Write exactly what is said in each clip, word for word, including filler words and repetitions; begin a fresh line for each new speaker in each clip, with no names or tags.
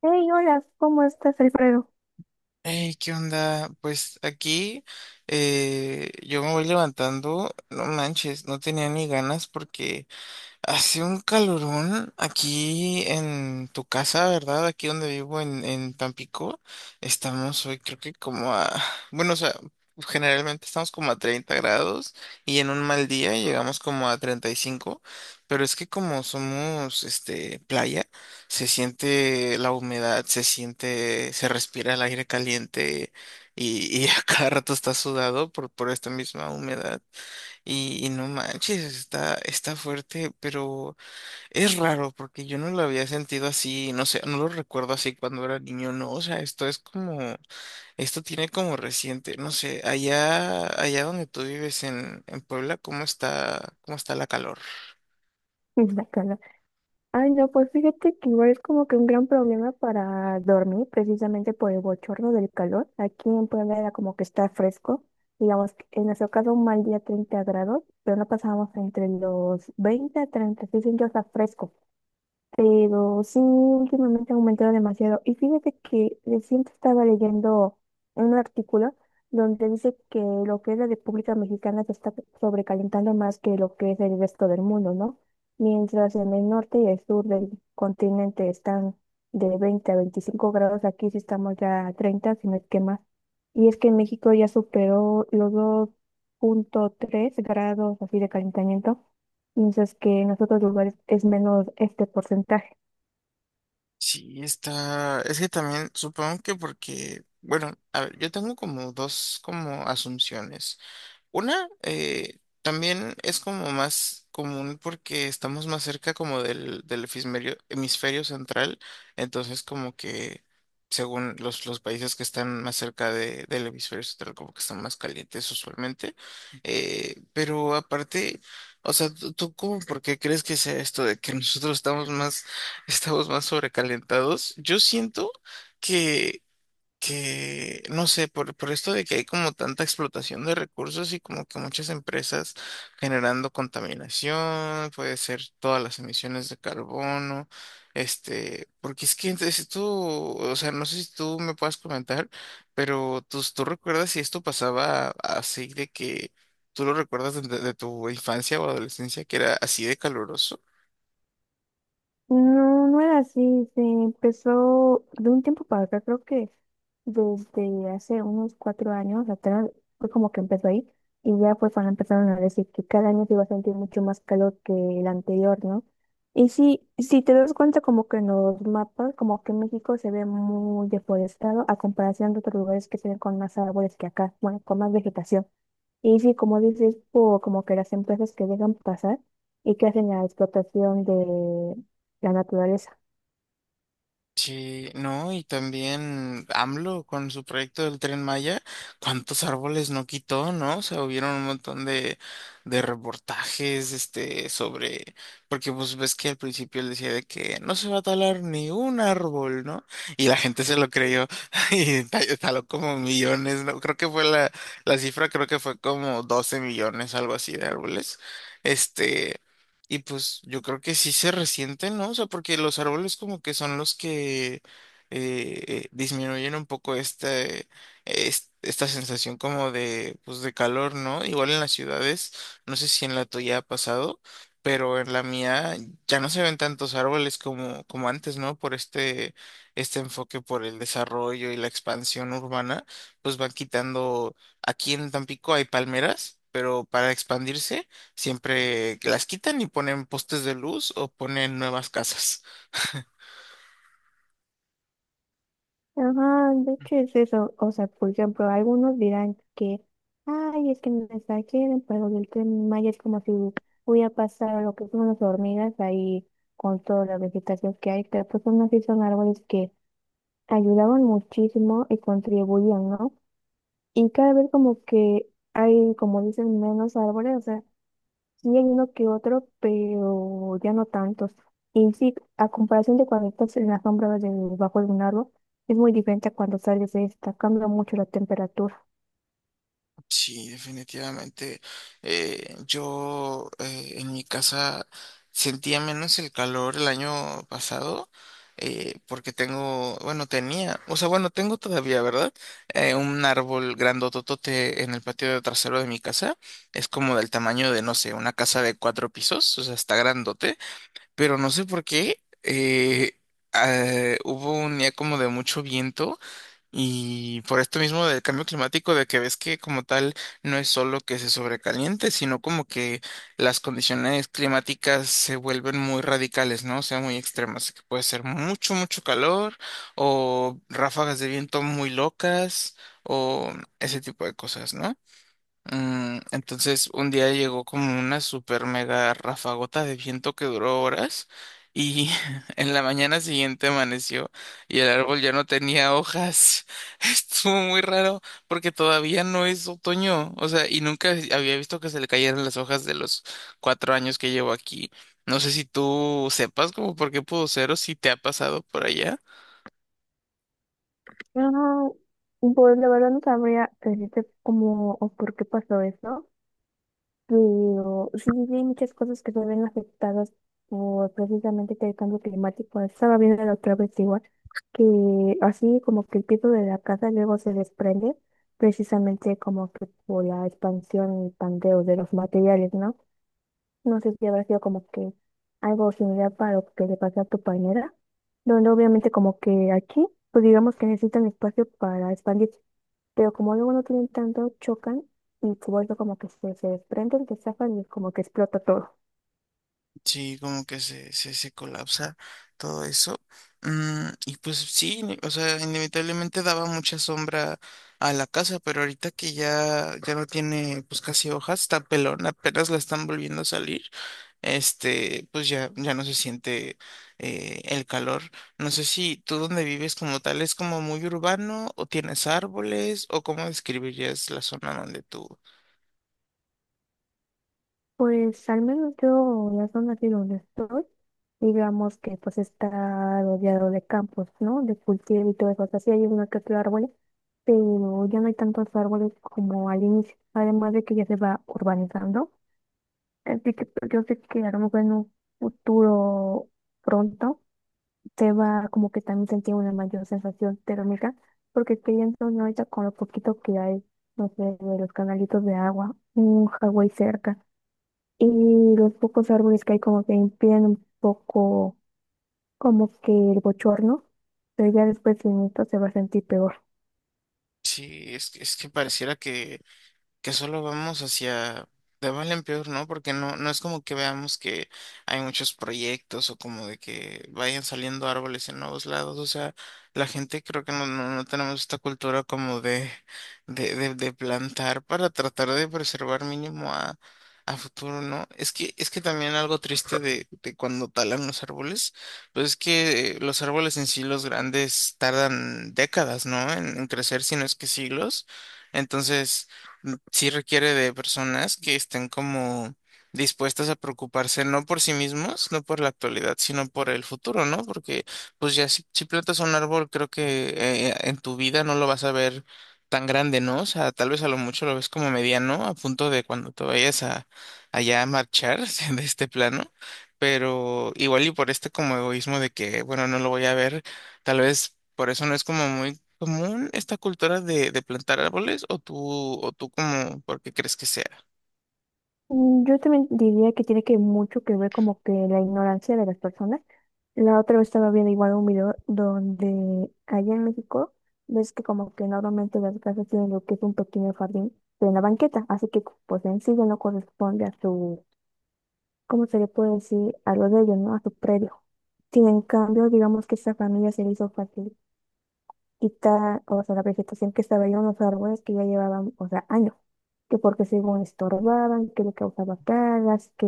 Hey, hola, ¿cómo estás, Alfredo?
Hey, ¿qué onda? Pues aquí eh, yo me voy levantando, no manches, no tenía ni ganas porque hace un calorón aquí en tu casa, ¿verdad? Aquí donde vivo en, en Tampico. Estamos hoy creo que como a... Bueno, o sea, generalmente estamos como a treinta grados y en un mal día llegamos como a treinta y cinco. Pero es que como somos, este, playa, se siente la humedad, se siente, se respira el aire caliente y, y a cada rato está sudado por, por esta misma humedad. Y, y no manches, está, está fuerte, pero es raro porque yo no lo había sentido así, no sé, no lo recuerdo así cuando era niño, no, o sea, esto es como, esto tiene como reciente, no sé, allá, allá donde tú vives en, en Puebla, ¿cómo está, cómo está la calor?
Y la cara. Ay, no, pues fíjate que igual es como que un gran problema para dormir, precisamente por el bochorno del calor. Aquí en Puebla era como que está fresco, digamos, que en nuestro caso un mal día treinta grados, pero no pasábamos entre los veinte a treinta y seis, entonces está fresco. Pero sí, últimamente ha aumentado demasiado. Y fíjate que recién estaba leyendo un artículo donde dice que lo que es la República Mexicana se está sobrecalentando más que lo que es el resto del mundo, ¿no? Mientras en el norte y el sur del continente están de veinte a veinticinco grados, aquí sí estamos ya a treinta, si no es que más. Y es que en México ya superó los dos punto tres grados así de calentamiento mientras que en los otros lugares es menos este porcentaje.
Sí, está, es que también supongo que porque, bueno, a ver, yo tengo como dos como asunciones. Una eh, también es como más común porque estamos más cerca como del, del hemisferio, hemisferio central, entonces como que según los, los países que están más cerca de- del hemisferio central como que están más calientes usualmente. Eh, pero aparte, o sea, ¿tú, tú cómo por qué crees que sea esto de que nosotros estamos más, estamos más sobrecalentados? Yo siento... que que, no sé, por, por esto de que hay como tanta explotación de recursos y como que muchas empresas generando contaminación, puede ser todas las emisiones de carbono, este, porque es que entonces, si tú, o sea, no sé si tú me puedas comentar, pero tú, tú recuerdas si esto pasaba así de que tú lo recuerdas de, de- de tu infancia o adolescencia, que era así de caluroso.
No, no era así. Se empezó de un tiempo para acá, creo que desde hace unos cuatro años atrás, fue como que empezó ahí. Y ya fue cuando empezaron a decir que cada año se iba a sentir mucho más calor que el anterior, ¿no? Y sí, si te das cuenta, como que en los mapas, como que México se ve muy deforestado a comparación de otros lugares que se ven con más árboles que acá, bueno, con más vegetación. Y sí, como dices, por como que las empresas que dejan pasar y que hacen la explotación de, la naturaleza.
Sí, no, y también AMLO con su proyecto del Tren Maya, cuántos árboles no quitó, ¿no? O sea, hubieron un montón de, de reportajes, este, sobre, porque pues ves que al principio él decía de que no se va a talar ni un árbol, ¿no? Y la gente se lo creyó y ta- taló como millones, ¿no? Creo que fue la, la cifra, creo que fue como doce millones, algo así de árboles. Este. Y pues yo creo que sí se resienten, ¿no? O sea, porque los árboles como que son los que eh, disminuyen un poco este, es- esta sensación como de, pues de calor, ¿no? Igual en las ciudades, no sé si en la tuya ha pasado, pero en la mía ya no se ven tantos árboles como, como antes, ¿no? Por este, este enfoque por el desarrollo y la expansión urbana, pues van quitando, aquí en Tampico hay palmeras. Pero para expandirse siempre las quitan y ponen postes de luz o ponen nuevas casas.
Ajá, de hecho es eso. O sea, por ejemplo, algunos dirán que, ay, es que me exageren, pero el Tren Maya es como si hubiera pasado lo que son las hormigas ahí con toda la vegetación que hay, pero pues aún así son árboles que ayudaban muchísimo y contribuían, ¿no? Y cada vez como que hay, como dicen, menos árboles. Sí, hay uno que otro, pero ya no tantos. Y sí, a comparación de cuando estás en la sombra debajo de un árbol, es muy diferente a cuando sales de esta, cambia mucho la temperatura.
Sí, definitivamente. Eh, yo eh, En mi casa sentía menos el calor el año pasado eh, porque tengo, bueno, tenía, o sea, bueno, tengo todavía, ¿verdad? Eh, un árbol grandototote en el patio de trasero de mi casa. Es como del tamaño de, no sé, una casa de cuatro pisos, o sea, está grandote. Pero no sé por qué. Eh, ah, hubo un día como de mucho viento y por esto mismo del cambio climático, de que ves que como tal no es solo que se sobrecaliente, sino como que las condiciones climáticas se vuelven muy radicales, ¿no? O sea, muy extremas, que puede ser mucho, mucho calor o ráfagas de viento muy locas o ese tipo de cosas, ¿no? Mm, entonces un día llegó como una super mega rafagota de viento que duró horas y en la mañana siguiente amaneció y el árbol ya no tenía hojas. Estuvo muy raro porque todavía no es otoño, o sea, y nunca había visto que se le cayeran las hojas de los cuatro años que llevo aquí. No sé si tú sepas como por qué pudo ser o si te ha pasado por allá.
No, pues la verdad no sabría decirte cómo o por qué pasó eso. Pero sí, sí, sí, hay muchas cosas que se ven afectadas por precisamente el cambio climático. Estaba viendo la otra vez igual, que así como que el piso de la casa luego se desprende, precisamente como que por la expansión y pandeo de los materiales, ¿no? No sé si habrá sido como que algo similar para lo que le pasó a tu pañera, donde obviamente como que aquí, pues digamos que necesitan espacio para expandir. Pero como luego no tienen tanto, chocan y como eso como que se, se desprenden, se zafan y como que explota todo.
Sí, como que se, se, se colapsa todo eso. Mm, y pues sí, ni- o sea, inevitablemente daba mucha sombra a la casa, pero ahorita que ya, ya no tiene pues casi hojas, está pelón, apenas la están volviendo a salir, este, pues ya, ya no se siente eh, el calor. No sé si tú donde vives como tal es como muy urbano o tienes árboles o cómo describirías la zona donde tú...
Pues al menos yo, en la zona aquí donde estoy, digamos que pues está rodeado de campos, ¿no? De cultivo y todo eso. O sea, sí hay uno que otro árbol, pero ya no hay tantos árboles como al inicio. Además de que ya se va urbanizando. Así que pues, yo sé que a lo mejor en un futuro pronto te va como que también sentir una mayor sensación térmica, porque pienso yo ahorita con lo poquito que hay, no sé, de los canalitos de agua, un Hawái cerca, y los pocos árboles que hay como que impiden un poco como que el bochorno, pero ya después en esto se va a sentir peor.
Sí, es, que- es que pareciera que que solo vamos hacia de mal en peor, ¿no? Porque no, no es como que veamos que hay muchos proyectos o como de que vayan saliendo árboles en nuevos lados. O sea, la gente creo que no, no, no tenemos esta cultura como de, de, de, de plantar para tratar de preservar mínimo a, a futuro, ¿no? Es que, es que también algo triste de, de cuando talan los árboles, pues es que eh, los árboles en sí, los grandes, tardan décadas, ¿no? En, en crecer, si no es que siglos. Entonces, sí requiere de personas que estén como dispuestas a preocuparse no por sí mismos, no por la actualidad, sino por el futuro, ¿no? Porque pues ya si, si plantas un árbol, creo que eh, en tu vida no lo vas a ver tan grande, ¿no? O sea, tal vez a lo mucho lo ves como mediano, a punto de cuando te vayas a allá a marchar de este plano. Pero igual y por este como egoísmo de que, bueno, no lo voy a ver, tal vez por eso no es como muy ¿común esta cultura de, de plantar árboles o tú, o tú como, porque crees que sea?
Mm, yo también diría que tiene que mucho que ver como que la ignorancia de las personas. La otra vez estaba viendo igual un video donde allá en México ves que como que normalmente las casas tienen lo que es un pequeño jardín, pero en la banqueta, así que pues en sí ya no corresponde a su, ¿cómo se le puede decir? A lo de ellos, ¿no? A su predio. Sin en cambio, digamos que esta familia se le hizo fácil y ta o sea, la vegetación que estaba ahí, unos árboles que ya llevaban, o sea, años, que porque según estorbaban, que le causaba plagas, que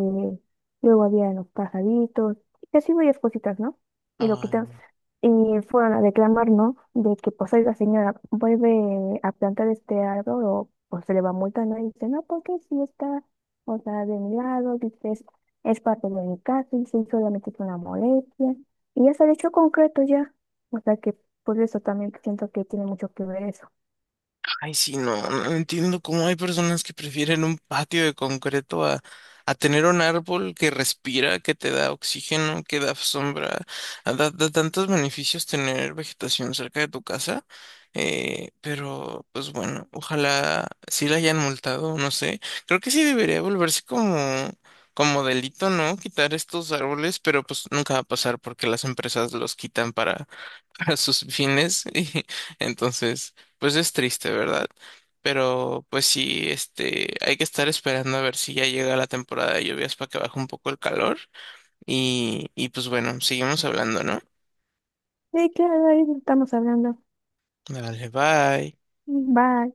luego había los pajaritos, y así varias cositas, ¿no? Y lo quitan.
Ay.
Y fueron a reclamar, ¿no? De que, pues, la señora, vuelve a plantar este árbol o pues se le va a multar, ¿no? Y dice, no, porque si está, o sea, de mi lado, dice, es, es parte de mi casa, y solamente es una molestia. Y ya se el hecho concreto ya. O sea que por eso también siento que tiene mucho que ver eso.
Ay, sí, no, no no entiendo cómo hay personas que prefieren un patio de concreto a, a tener un árbol que respira, que te da oxígeno, que da sombra, a- da, da tantos beneficios tener vegetación cerca de tu casa. Eh, pero, pues bueno, ojalá sí la hayan multado, no sé. Creo que sí debería volverse como, como delito, ¿no? Quitar estos árboles, pero pues nunca va a pasar porque las empresas los quitan para, para sus fines. Y entonces. Pues es triste, ¿verdad? Pero pues sí, este, hay que estar esperando a ver si ya llega la temporada de lluvias para que baje un poco el calor. Y, y pues bueno, seguimos hablando, ¿no?
Y claro, ahí estamos hablando.
Dale, bye.
Bye.